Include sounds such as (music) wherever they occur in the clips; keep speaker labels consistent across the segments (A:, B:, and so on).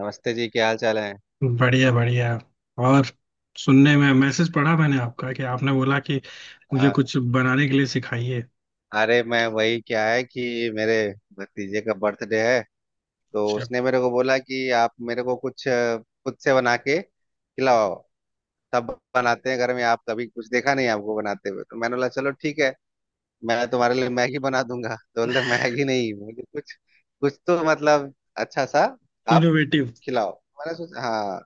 A: नमस्ते जी, क्या हाल चाल है।
B: बढ़िया बढ़िया। और सुनने में मैसेज पढ़ा मैंने आपका कि आपने बोला कि मुझे
A: आ,
B: कुछ बनाने के लिए सिखाइए।
A: अरे मैं, वही क्या है कि मेरे भतीजे का बर्थडे है, तो
B: अच्छा।
A: उसने मेरे को बोला कि आप मेरे को कुछ खुद से बना के खिलाओ। सब बनाते हैं घर में, आप कभी कुछ, देखा नहीं आपको बनाते हुए, तो मैंने बोला चलो ठीक है मैं तुम्हारे लिए मैगी बना दूंगा, तो बोलते मैगी नहीं, मुझे कुछ कुछ तो मतलब अच्छा सा आप
B: इनोवेटिव।
A: खिलाओ। मैंने सोचा हाँ,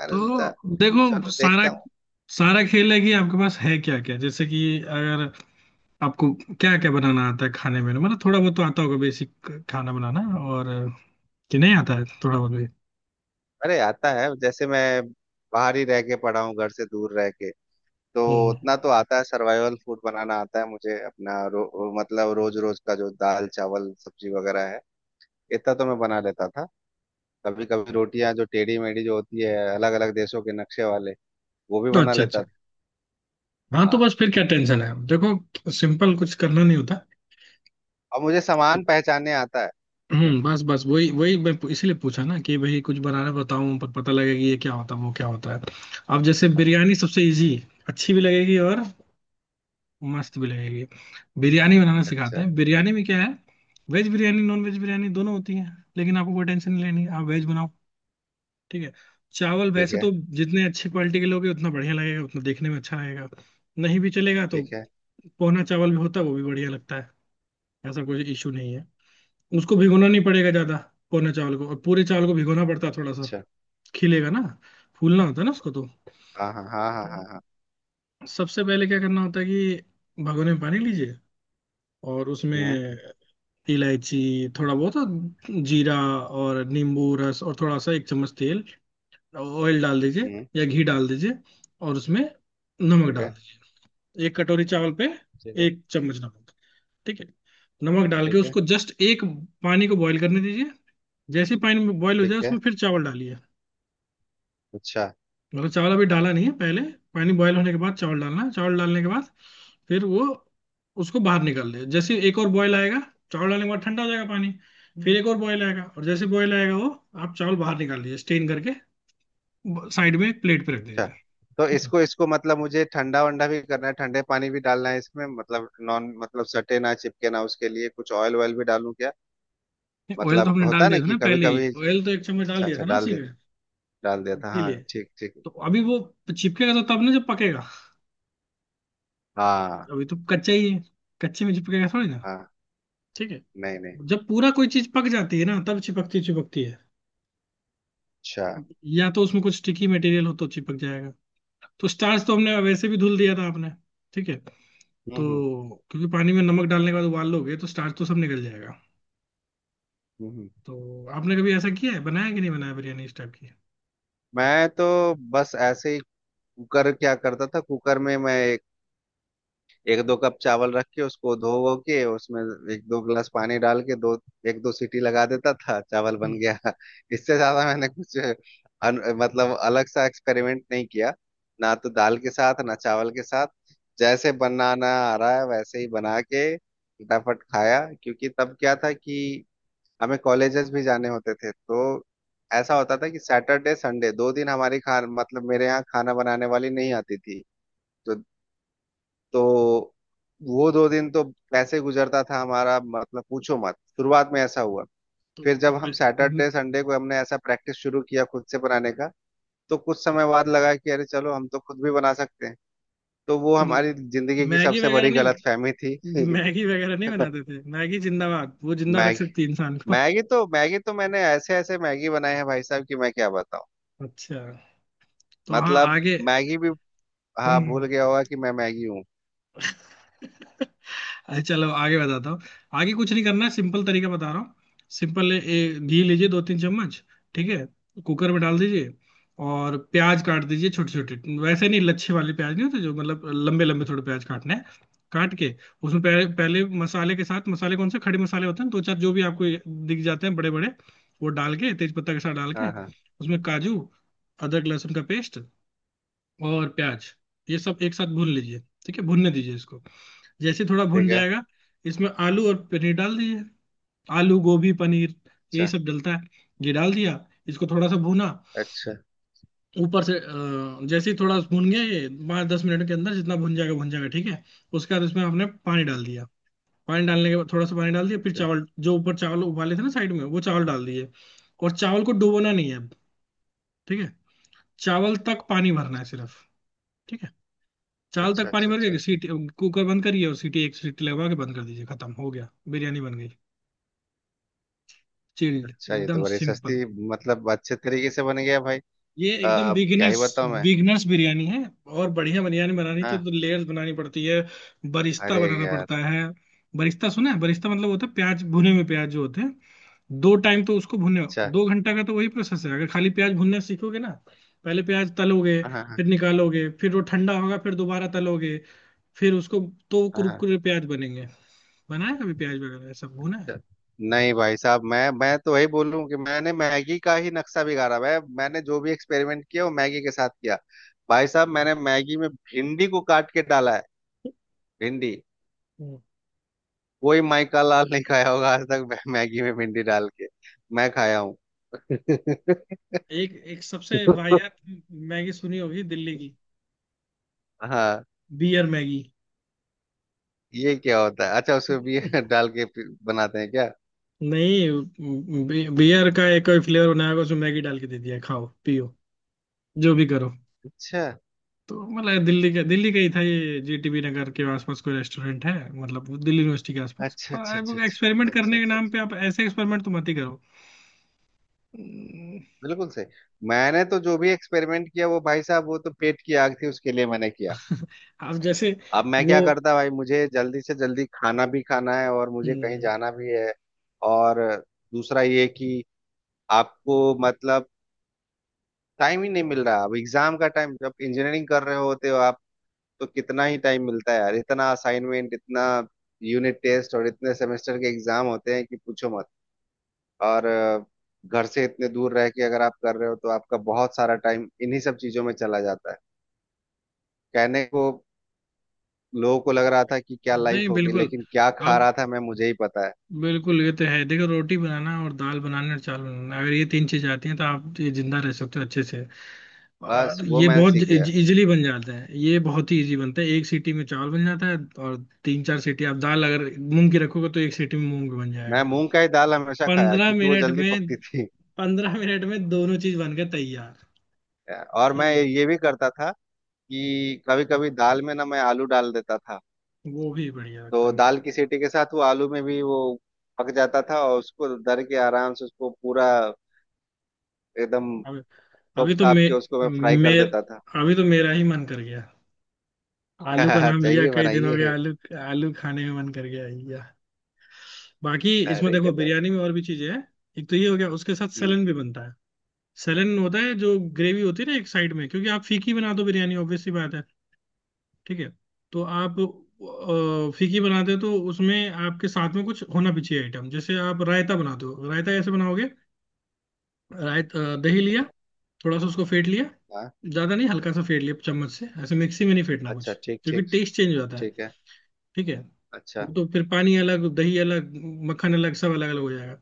A: मैंने
B: तो
A: सोचा
B: देखो
A: चलो
B: सारा
A: देखता हूँ।
B: सारा खेल है कि आपके पास है क्या क्या। जैसे कि अगर आपको क्या क्या बनाना आता है खाने में, मतलब थोड़ा बहुत तो आता होगा बेसिक खाना बनाना, और कि नहीं आता है थोड़ा बहुत भी।
A: अरे आता है, जैसे मैं बाहर ही रह के पड़ा हूँ घर से दूर रह के, तो
B: हम्म।
A: उतना तो आता है, सर्वाइवल फूड बनाना आता है मुझे अपना रो, मतलब रोज रोज का जो दाल चावल सब्जी वगैरह है, इतना तो मैं बना लेता था। कभी कभी रोटियां जो टेढ़ी मेढ़ी जो होती है, अलग अलग देशों के नक्शे वाले, वो भी बना
B: अच्छा अच्छा।
A: लेता था।
B: हाँ तो
A: हाँ,
B: बस फिर क्या टेंशन है, देखो सिंपल कुछ करना नहीं होता।
A: और मुझे सामान पहचानने आता है। हम्म।
B: बस बस वही वही मैं इसीलिए पूछा ना कि भाई कुछ बनाना बताऊं पर पता लगे कि ये क्या होता है वो क्या होता है। अब जैसे बिरयानी सबसे इजी, अच्छी भी लगेगी और मस्त भी लगेगी। बिरयानी बनाना सिखाते
A: अच्छा।
B: हैं, बिरयानी में क्या है, veg biryani non veg biryani दोनों होती है, लेकिन आपको कोई टेंशन नहीं लेनी, आप वेज बनाओ। ठीक है। चावल
A: ठीक
B: वैसे तो
A: है।
B: जितने अच्छी क्वालिटी के लोगे उतना बढ़िया लगेगा, उतना देखने में अच्छा लगेगा। नहीं भी चलेगा तो
A: ठीक है।
B: पोहना चावल भी होता है, वो भी बढ़िया लगता है, ऐसा कोई इशू नहीं है। उसको भिगोना नहीं पड़ेगा ज्यादा। पौने चावल को और पूरे चावल को भिगोना पड़ता है थोड़ा सा।
A: अच्छा।
B: खिलेगा ना, फूलना होता है ना उसको तो।
A: हाँ हाँ हाँ हाँ हाँ हाँ।
B: तो सबसे पहले क्या करना होता है कि भगोने में पानी लीजिए, और उसमें
A: हम्म।
B: इलायची, थोड़ा बहुत जीरा, और नींबू रस, और थोड़ा सा एक चम्मच तेल ऑयल डाल दीजिए,
A: हम्म।
B: या घी डाल दीजिए। और उसमें नमक
A: ठीक
B: डाल
A: है।
B: दीजिए, एक कटोरी चावल पे
A: ठीक है।
B: एक चम्मच नमक। ठीक है। नमक डाल के
A: ठीक है।
B: उसको जस्ट एक, पानी को बॉईल करने दीजिए। जैसे ही पानी बॉईल हो
A: ठीक
B: जाए
A: है।
B: उसमें फिर चावल डालिए।
A: अच्छा,
B: मतलब चावल अभी डाला नहीं है, पहले पानी बॉयल होने के बाद चावल डालना है। चावल डालने के बाद फिर वो उसको बाहर निकाल दे, जैसे एक और बॉयल आएगा। चावल डालने के बाद ठंडा हो जाएगा पानी, फिर एक और बॉयल आएगा, और जैसे बॉयल आएगा वो आप चावल बाहर निकाल लीजिए स्टेन करके, साइड में एक प्लेट पे रख
A: अच्छा,
B: दीजिए।
A: तो
B: ठीक है।
A: इसको इसको मतलब मुझे ठंडा वंडा भी करना है, ठंडे पानी भी डालना है इसमें, मतलब नॉन, मतलब सटे ना चिपके ना, उसके लिए कुछ ऑयल ऑयल भी डालूं क्या।
B: नहीं, ऑयल तो
A: मतलब
B: हमने
A: होता
B: डाल
A: है ना
B: दिया था
A: कि
B: ना
A: कभी
B: पहले ही,
A: कभी,
B: ऑयल तो एक चम्मच डाल
A: अच्छा
B: दिया
A: अच्छा
B: था ना
A: डाल
B: उसी
A: दे,
B: में,
A: डाल दिया था, हाँ,
B: इसीलिए।
A: ठीक ठीक।
B: तो अभी वो चिपकेगा तो तब ना जब पकेगा,
A: हाँ।
B: अभी तो कच्चा ही है, कच्चे में चिपकेगा थोड़ी ना।
A: हाँ।
B: ठीक है।
A: नहीं नहीं।
B: जब पूरा कोई चीज पक जाती है ना तब चिपकती चिपकती है,
A: अच्छा।
B: या तो उसमें कुछ स्टिकी मटेरियल हो तो चिपक जाएगा। तो स्टार्च तो हमने वैसे भी धुल दिया था आपने। ठीक है।
A: हम्म,
B: तो
A: हम्म।
B: क्योंकि पानी में नमक डालने के बाद उबाल लोगे तो स्टार्च तो सब निकल जाएगा।
A: हम्म। हम्म।
B: तो आपने कभी ऐसा किया है बनाया कि नहीं बनाया बिरयानी इस टाइप की।
A: मैं तो बस ऐसे ही, कुकर क्या करता था, कुकर में मैं एक दो कप चावल रख के, उसको धो वो के, उसमें एक दो गिलास पानी डाल के, दो एक दो सीटी लगा देता था, चावल
B: हम्म,
A: बन गया। (laughs) इससे ज्यादा मैंने कुछ अन, मतलब अलग सा एक्सपेरिमेंट नहीं किया, ना तो दाल के साथ ना चावल के साथ। जैसे बनाना आ रहा है वैसे ही बना के फटाफट खाया, क्योंकि तब क्या था कि हमें कॉलेजेस भी जाने होते थे, तो ऐसा होता था कि सैटरडे संडे दो दिन हमारी खान मतलब मेरे यहाँ खाना बनाने वाली नहीं आती थी, तो तो वो दो दिन तो कैसे गुजरता था हमारा, मतलब पूछो मत, शुरुआत में ऐसा हुआ।
B: तो
A: फिर जब
B: मैं
A: हम सैटरडे संडे को हमने ऐसा प्रैक्टिस शुरू किया खुद से बनाने का, तो कुछ समय बाद लगा कि अरे चलो हम तो खुद भी बना सकते हैं, तो वो
B: तो
A: हमारी जिंदगी की
B: मैगी
A: सबसे
B: वगैरह
A: बड़ी
B: नहीं
A: गलतफहमी थी।
B: मैगी वगैरह नहीं
A: (laughs)
B: बनाते थे, मैगी जिंदाबाद, वो जिंदा रख
A: मैगी।
B: सकती है इंसान को।
A: मैगी तो मैंने ऐसे ऐसे मैगी बनाए हैं भाई साहब कि मैं क्या बताऊं।
B: अच्छा। तो हाँ
A: मतलब
B: आगे।
A: मैगी भी, हाँ, भूल
B: हम्म।
A: गया होगा कि मैं मैगी हूँ।
B: (laughs) अरे चलो आगे बताता हूँ, आगे कुछ नहीं करना है, सिंपल तरीका बता रहा हूँ। सिंपल घी लीजिए 2-3 चम्मच। ठीक है। कुकर में डाल दीजिए, और प्याज काट दीजिए छोटे छोटे, वैसे नहीं लच्छे वाले प्याज नहीं होते जो, मतलब लंबे लंबे थोड़े प्याज काटने हैं। काट के उसमें पहले पहले मसाले के साथ, मसाले कौन से, खड़े मसाले होते हैं दो चार जो भी आपको दिख जाते हैं बड़े बड़े, वो डाल के, तेज पत्ता के साथ डाल के,
A: हाँ हाँ
B: उसमें काजू, अदरक लहसुन का पेस्ट और प्याज, ये सब एक साथ भून लीजिए। ठीक है, भूनने दीजिए इसको, जैसे थोड़ा भुन
A: ठीक है।
B: जाएगा, इसमें आलू और पनीर डाल दीजिए, आलू गोभी पनीर यही
A: अच्छा
B: सब डलता है। ये डाल दिया, इसको थोड़ा सा भुना,
A: अच्छा
B: ऊपर से जैसे ही थोड़ा भुन गया ये, 5-10 मिनट के अंदर जितना भुन जाएगा भुन जाएगा। ठीक है। उसके बाद इसमें आपने पानी डाल दिया, पानी डालने के बाद थोड़ा सा पानी डाल दिया, फिर चावल जो ऊपर चावल उबाले थे ना साइड में, वो चावल डाल दिए। और चावल को डुबोना नहीं है अब। ठीक है। चावल तक पानी भरना है सिर्फ। ठीक है। चावल
A: अच्छा
B: तक पानी
A: अच्छा
B: भर
A: अच्छा
B: के,
A: अच्छा
B: सीटी, कुकर बंद करिए और सीटी एक सीटी लगवा के बंद कर दीजिए, खत्म हो गया। बिरयानी बन गई, चिल्ड,
A: अच्छा। ये
B: एकदम
A: तो बड़ी
B: सिंपल।
A: सस्ती, मतलब अच्छे तरीके से बन गया भाई।
B: ये एकदम
A: अब क्या ही
B: बिगिनर्स,
A: बताऊं मैं।
B: बिगिनर्स बिरयानी है। और बढ़िया बिरयानी बनानी तो,
A: हाँ।
B: तो लेयर्स बनानी पड़ती है, बरिस्ता
A: अरे
B: बनाना
A: यार।
B: पड़ता है। बरिस्ता सुना है, बरिस्ता मतलब होता है प्याज, भुने हुए प्याज जो होते हैं, 2 टाइम तो उसको भुने,
A: अच्छा।
B: 2 घंटा का तो वही प्रोसेस है। अगर खाली प्याज भुनना सीखोगे ना, पहले प्याज तलोगे,
A: हाँ हाँ हाँ
B: फिर निकालोगे, फिर वो ठंडा होगा, फिर दोबारा तलोगे, फिर उसको, तो
A: हाँ, हाँ।
B: कुरकुरे प्याज बनेंगे। बनाया कभी प्याज वगैरह सब भुना है।
A: अच्छा। नहीं भाई साहब, मैं तो वही बोलूं कि मैंने मैगी का ही नक्शा बिगाड़ा है, मैंने जो भी एक्सपेरिमेंट किया वो मैगी के साथ किया। भाई साहब, मैंने मैगी में भिंडी को काट के डाला है, भिंडी।
B: हम्म।
A: कोई माइका लाल नहीं खाया होगा आज तक, मैगी में भिंडी डाल के, मैं खाया हूँ। (laughs)
B: एक एक सबसे वाहियात मैगी सुनी होगी दिल्ली की,
A: हाँ,
B: बियर मैगी।
A: ये क्या होता है। अच्छा, उसमें भी (laughs) डाल के फिर बनाते हैं क्या।
B: नहीं, बियर का एक कोई फ्लेवर बनाया होगा, उसमें मैगी डाल के दे दिया, खाओ पियो जो भी करो।
A: अच्छा
B: तो मतलब दिल्ली का ही था ये, जीटीबी नगर के आसपास कोई रेस्टोरेंट है, मतलब वो दिल्ली यूनिवर्सिटी के आसपास।
A: अच्छा अच्छा अच्छा
B: पर
A: अच्छा
B: एक्सपेरिमेंट
A: अच्छा
B: करने के
A: अच्छा
B: नाम
A: अच्छा,
B: पे आप ऐसे एक्सपेरिमेंट तो मत ही करो। हम्म,
A: बिल्कुल सही। मैंने तो जो भी एक्सपेरिमेंट किया वो भाई साहब, वो तो पेट की आग थी, उसके लिए मैंने किया।
B: आप जैसे
A: अब मैं
B: वो
A: क्या करता भाई, मुझे जल्दी से जल्दी खाना भी खाना है और मुझे कहीं
B: हम्म,
A: जाना भी है, और दूसरा ये कि आपको मतलब टाइम ही नहीं मिल रहा। अब एग्जाम का टाइम, जब इंजीनियरिंग कर रहे होते हो आप, तो कितना ही टाइम मिलता है यार, इतना असाइनमेंट, इतना यूनिट टेस्ट और इतने सेमेस्टर के एग्जाम होते हैं कि पूछो मत। और घर से इतने दूर रह के अगर आप कर रहे हो तो आपका बहुत सारा टाइम इन्हीं सब चीजों में चला जाता है। कहने को लोगों को लग रहा था कि क्या
B: नहीं
A: लाइफ होगी,
B: बिल्कुल।
A: लेकिन क्या खा
B: आप
A: रहा था मैं, मुझे ही पता है।
B: बिल्कुल, ये तो है देखो, रोटी बनाना और दाल बनाना और चावल बनाना, अगर ये तीन चीज आती हैं तो आप ये जिंदा रह सकते हो अच्छे से।
A: बस
B: और
A: वो
B: ये
A: मैं
B: बहुत
A: सीख गया।
B: इजीली बन जाता है, ये बहुत ही इजी बनता है, एक सीटी में चावल बन जाता है। और 3-4 सीटी, आप दाल अगर मूंग की रखोगे तो एक सीटी में मूंग बन जाएगा।
A: मैं मूंग का ही दाल हमेशा खाया
B: पंद्रह
A: क्योंकि वो
B: मिनट
A: जल्दी
B: में,
A: पकती थी।
B: 15 मिनट में दोनों चीज बनकर तैयार।
A: और
B: ठीक
A: मैं
B: है।
A: ये भी करता था कि कभी कभी दाल में ना मैं आलू डाल देता था,
B: वो भी बढ़िया लगता
A: तो
B: है मुझे।
A: दाल की सीटी के साथ वो आलू में भी वो पक जाता था और उसको दर के आराम से उसको पूरा एकदम
B: अभी
A: तोप
B: अभी तो
A: ताप
B: मे,
A: के उसको मैं फ्राई कर
B: मे,
A: देता था।
B: अभी तो मेरा ही मन कर गया। आलू का
A: (laughs) हाँ,
B: नाम लिया,
A: चाहिए
B: कई दिन हो गए
A: बनाइए।
B: आलू, आलू खाने में मन कर गया। या बाकी इसमें
A: अरे
B: देखो,
A: गजब।
B: बिरयानी में और भी चीजें हैं, एक तो ये हो गया, उसके साथ
A: हम्म।
B: सलन भी बनता है। सेलन होता है जो ग्रेवी होती है ना, एक साइड में, क्योंकि आप फीकी बना दो बिरयानी ऑब्वियसली बात है। ठीक है। तो आप फीकी बनाते हो तो उसमें आपके साथ में कुछ होना भी चाहिए आइटम, जैसे आप रायता बनाते हो। रायता कैसे बनाओगे, दही लिया, थोड़ा सा उसको फेंट लिया,
A: हाँ।
B: ज्यादा नहीं हल्का सा फेंट लिया चम्मच से ऐसे, मिक्सी में नहीं फेंटना कुछ,
A: अच्छा, ठीक
B: क्योंकि
A: ठीक।
B: टेस्ट चेंज हो जाता है।
A: ठीक है।
B: ठीक है।
A: अच्छा,
B: वो तो फिर पानी अलग, दही अलग, मक्खन अलग, सब अलग अलग हो जाएगा।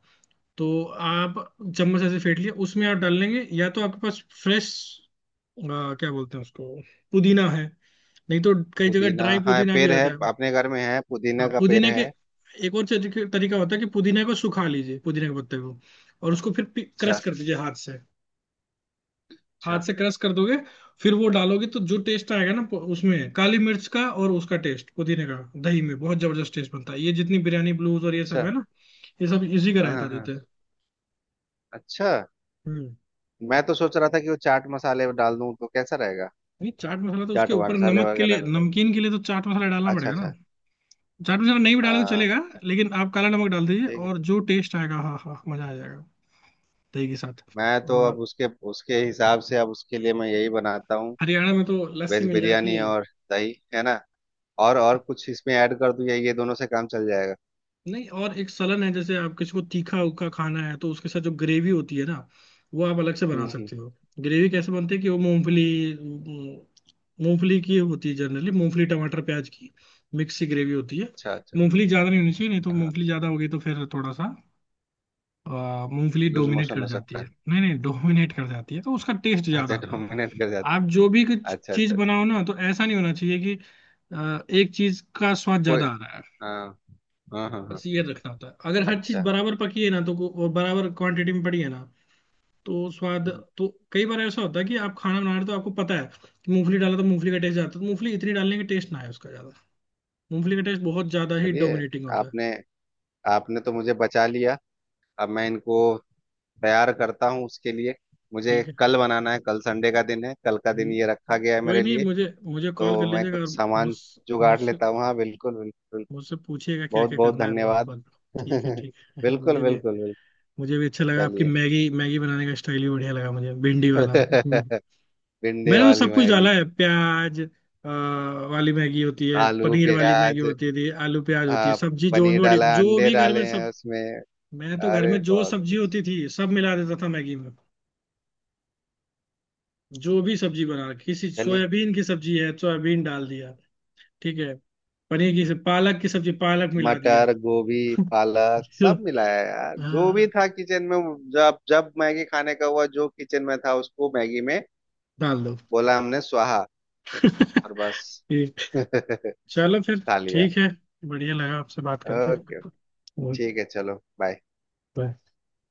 B: तो आप चम्मच ऐसे फेंट लिया, उसमें आप डाल लेंगे, या तो आपके पास फ्रेश, क्या बोलते हैं उसको, पुदीना है, नहीं तो कई जगह
A: पुदीना,
B: ड्राई
A: हाँ,
B: पुदीना भी
A: पेड़ है
B: रहता है।
A: अपने घर में, है पुदीना
B: हाँ
A: का पेड़
B: पुदीने के
A: है।
B: एक और तरीका होता है कि पुदीने को सुखा लीजिए, पुदीने के पत्ते को, और उसको फिर क्रश
A: अच्छा।
B: कर दीजिए हाथ से। हाथ
A: अच्छा।
B: से क्रश कर दोगे फिर वो डालोगे तो जो टेस्ट आएगा ना उसमें काली मिर्च का और उसका टेस्ट, पुदीने का दही में बहुत जबरदस्त टेस्ट बनता है। ये जितनी बिरयानी ब्लूज और ये
A: अच्छा।
B: सब है ना, ये सब इसी का
A: हाँ
B: रायता
A: हाँ
B: देते
A: हाँ,
B: हैं।
A: अच्छा।
B: हम्म।
A: मैं तो सोच रहा था कि वो चाट मसाले डाल दूं तो कैसा रहेगा,
B: नहीं, चाट मसाला तो उसके
A: चाट
B: ऊपर
A: मसाले
B: नमक के लिए,
A: वगैरह।
B: नमकीन के लिए तो चाट मसाला डालना
A: अच्छा
B: पड़ेगा ना।
A: अच्छा।
B: चाट मसाला नहीं भी डाले तो
A: हाँ।
B: चलेगा, लेकिन आप काला नमक डाल दीजिए,
A: ठीक है।
B: और जो टेस्ट आएगा, हाँ हाँ, मजा आ जाएगा दही के साथ।
A: मैं तो अब
B: और
A: उसके, उसके हिसाब से, अब उसके लिए मैं यही बनाता हूँ,
B: हरियाणा में तो लस्सी
A: वेज
B: मिल जाती
A: बिरयानी
B: है।
A: और दही है ना, और कुछ इसमें ऐड कर दूं या ये दोनों से काम चल जाएगा।
B: नहीं, और एक सलन है, जैसे आप किसी को तीखा उखा खाना है तो उसके साथ जो ग्रेवी होती है ना, वो आप अलग से बना
A: हम्म।
B: सकते हो। ग्रेवी कैसे बनती है कि वो मूंगफली, मूंगफली की होती है जनरली, मूंगफली टमाटर प्याज की मिक्स सी ग्रेवी होती है।
A: अच्छा अच्छा।
B: मूंगफली ज्यादा नहीं होनी चाहिए, नहीं तो
A: हाँ,
B: मूंगफली ज्यादा होगी तो फिर थोड़ा सा मूंगफली
A: लूज
B: डोमिनेट
A: मोशन
B: कर
A: हो
B: जाती
A: सकता
B: है,
A: है।
B: नहीं नहीं डोमिनेट कर जाती है तो उसका टेस्ट
A: (laughs)
B: ज्यादा
A: अच्छा
B: आता है।
A: डोमिनेट कर
B: आप
A: जाता।
B: जो भी कुछ
A: अच्छा
B: चीज
A: अच्छा अच्छा।
B: बनाओ ना तो ऐसा नहीं होना चाहिए कि एक चीज का स्वाद
A: कोई,
B: ज्यादा आ रहा है।
A: हाँ, हाँ हाँ हाँ।
B: बस ये रखना होता है अगर हर चीज
A: अच्छा।
B: बराबर पकी है ना तो और बराबर क्वांटिटी में पड़ी है ना, तो स्वाद।
A: हम्म।
B: तो कई बार ऐसा होता है कि आप खाना बना रहे हो तो आपको पता है कि मूंगफली डाला तो मूंगफली का टेस्ट जाता है, तो मूंगफली इतनी डालने का टेस्ट ना है उसका ज्यादा। मूंगफली का टेस्ट बहुत ज्यादा ही
A: चलिए,
B: डोमिनेटिंग होता है।
A: आपने आपने तो मुझे बचा लिया। अब मैं इनको तैयार करता हूँ उसके लिए, मुझे
B: ठीक है।
A: कल बनाना है, कल संडे का दिन है, कल का दिन ये रखा गया है
B: कोई
A: मेरे
B: नहीं,
A: लिए,
B: मुझे मुझे कॉल
A: तो
B: कर
A: मैं
B: लीजिएगा।
A: कुछ
B: और मुझ
A: सामान जुगाड़
B: मुझसे
A: लेता हूँ। हाँ बिल्कुल बिल्कुल।
B: मुझसे पूछिएगा क्या
A: बहुत
B: क्या
A: बहुत
B: करना है तो मैं
A: धन्यवाद।
B: बता दूँ।
A: (laughs)
B: ठीक है ठीक है। (laughs)
A: बिल्कुल बिल्कुल
B: मुझे भी,
A: बिल्कुल।
B: मुझे भी अच्छा लगा, आपकी
A: चलिए।
B: मैगी मैगी बनाने का स्टाइल भी बढ़िया लगा मुझे, भिंडी वाला। हम्म।
A: (laughs) भिंडी
B: मैंने तो
A: वाली
B: सब कुछ
A: मैगी,
B: डाला है, प्याज वाली मैगी होती है,
A: आलू
B: पनीर वाली मैगी
A: प्याज,
B: होती थी, आलू प्याज होती है,
A: आ,
B: सब्जी जो
A: पनीर
B: भी बड़ी
A: डाला,
B: जो
A: अंडे
B: भी घर में
A: डाले हैं
B: सब।
A: उसमें,
B: मैं तो घर
A: अरे
B: में जो
A: बहुत
B: सब्जी
A: कुछ।
B: होती थी सब मिला देता था मैगी में, जो भी सब्जी बना, किसी
A: चलिए,
B: सोयाबीन की सब्जी है सोयाबीन डाल दिया, ठीक है, पनीर की पालक की सब्जी पालक मिला दिया।
A: मटर गोभी
B: (laughs)
A: पालक
B: जो
A: सब मिलाया यार, जो भी
B: हाँ
A: था किचन में। जब जब मैगी खाने का हुआ, जो किचन में था उसको मैगी में,
B: डाल दो।
A: बोला हमने स्वाहा,
B: (laughs)
A: और बस
B: ठीक,
A: (laughs) खा
B: चलो फिर,
A: लिया।
B: ठीक है, बढ़िया लगा आपसे बात करके।
A: ओके,
B: ओके,
A: ठीक है चलो बाय।
B: बाय।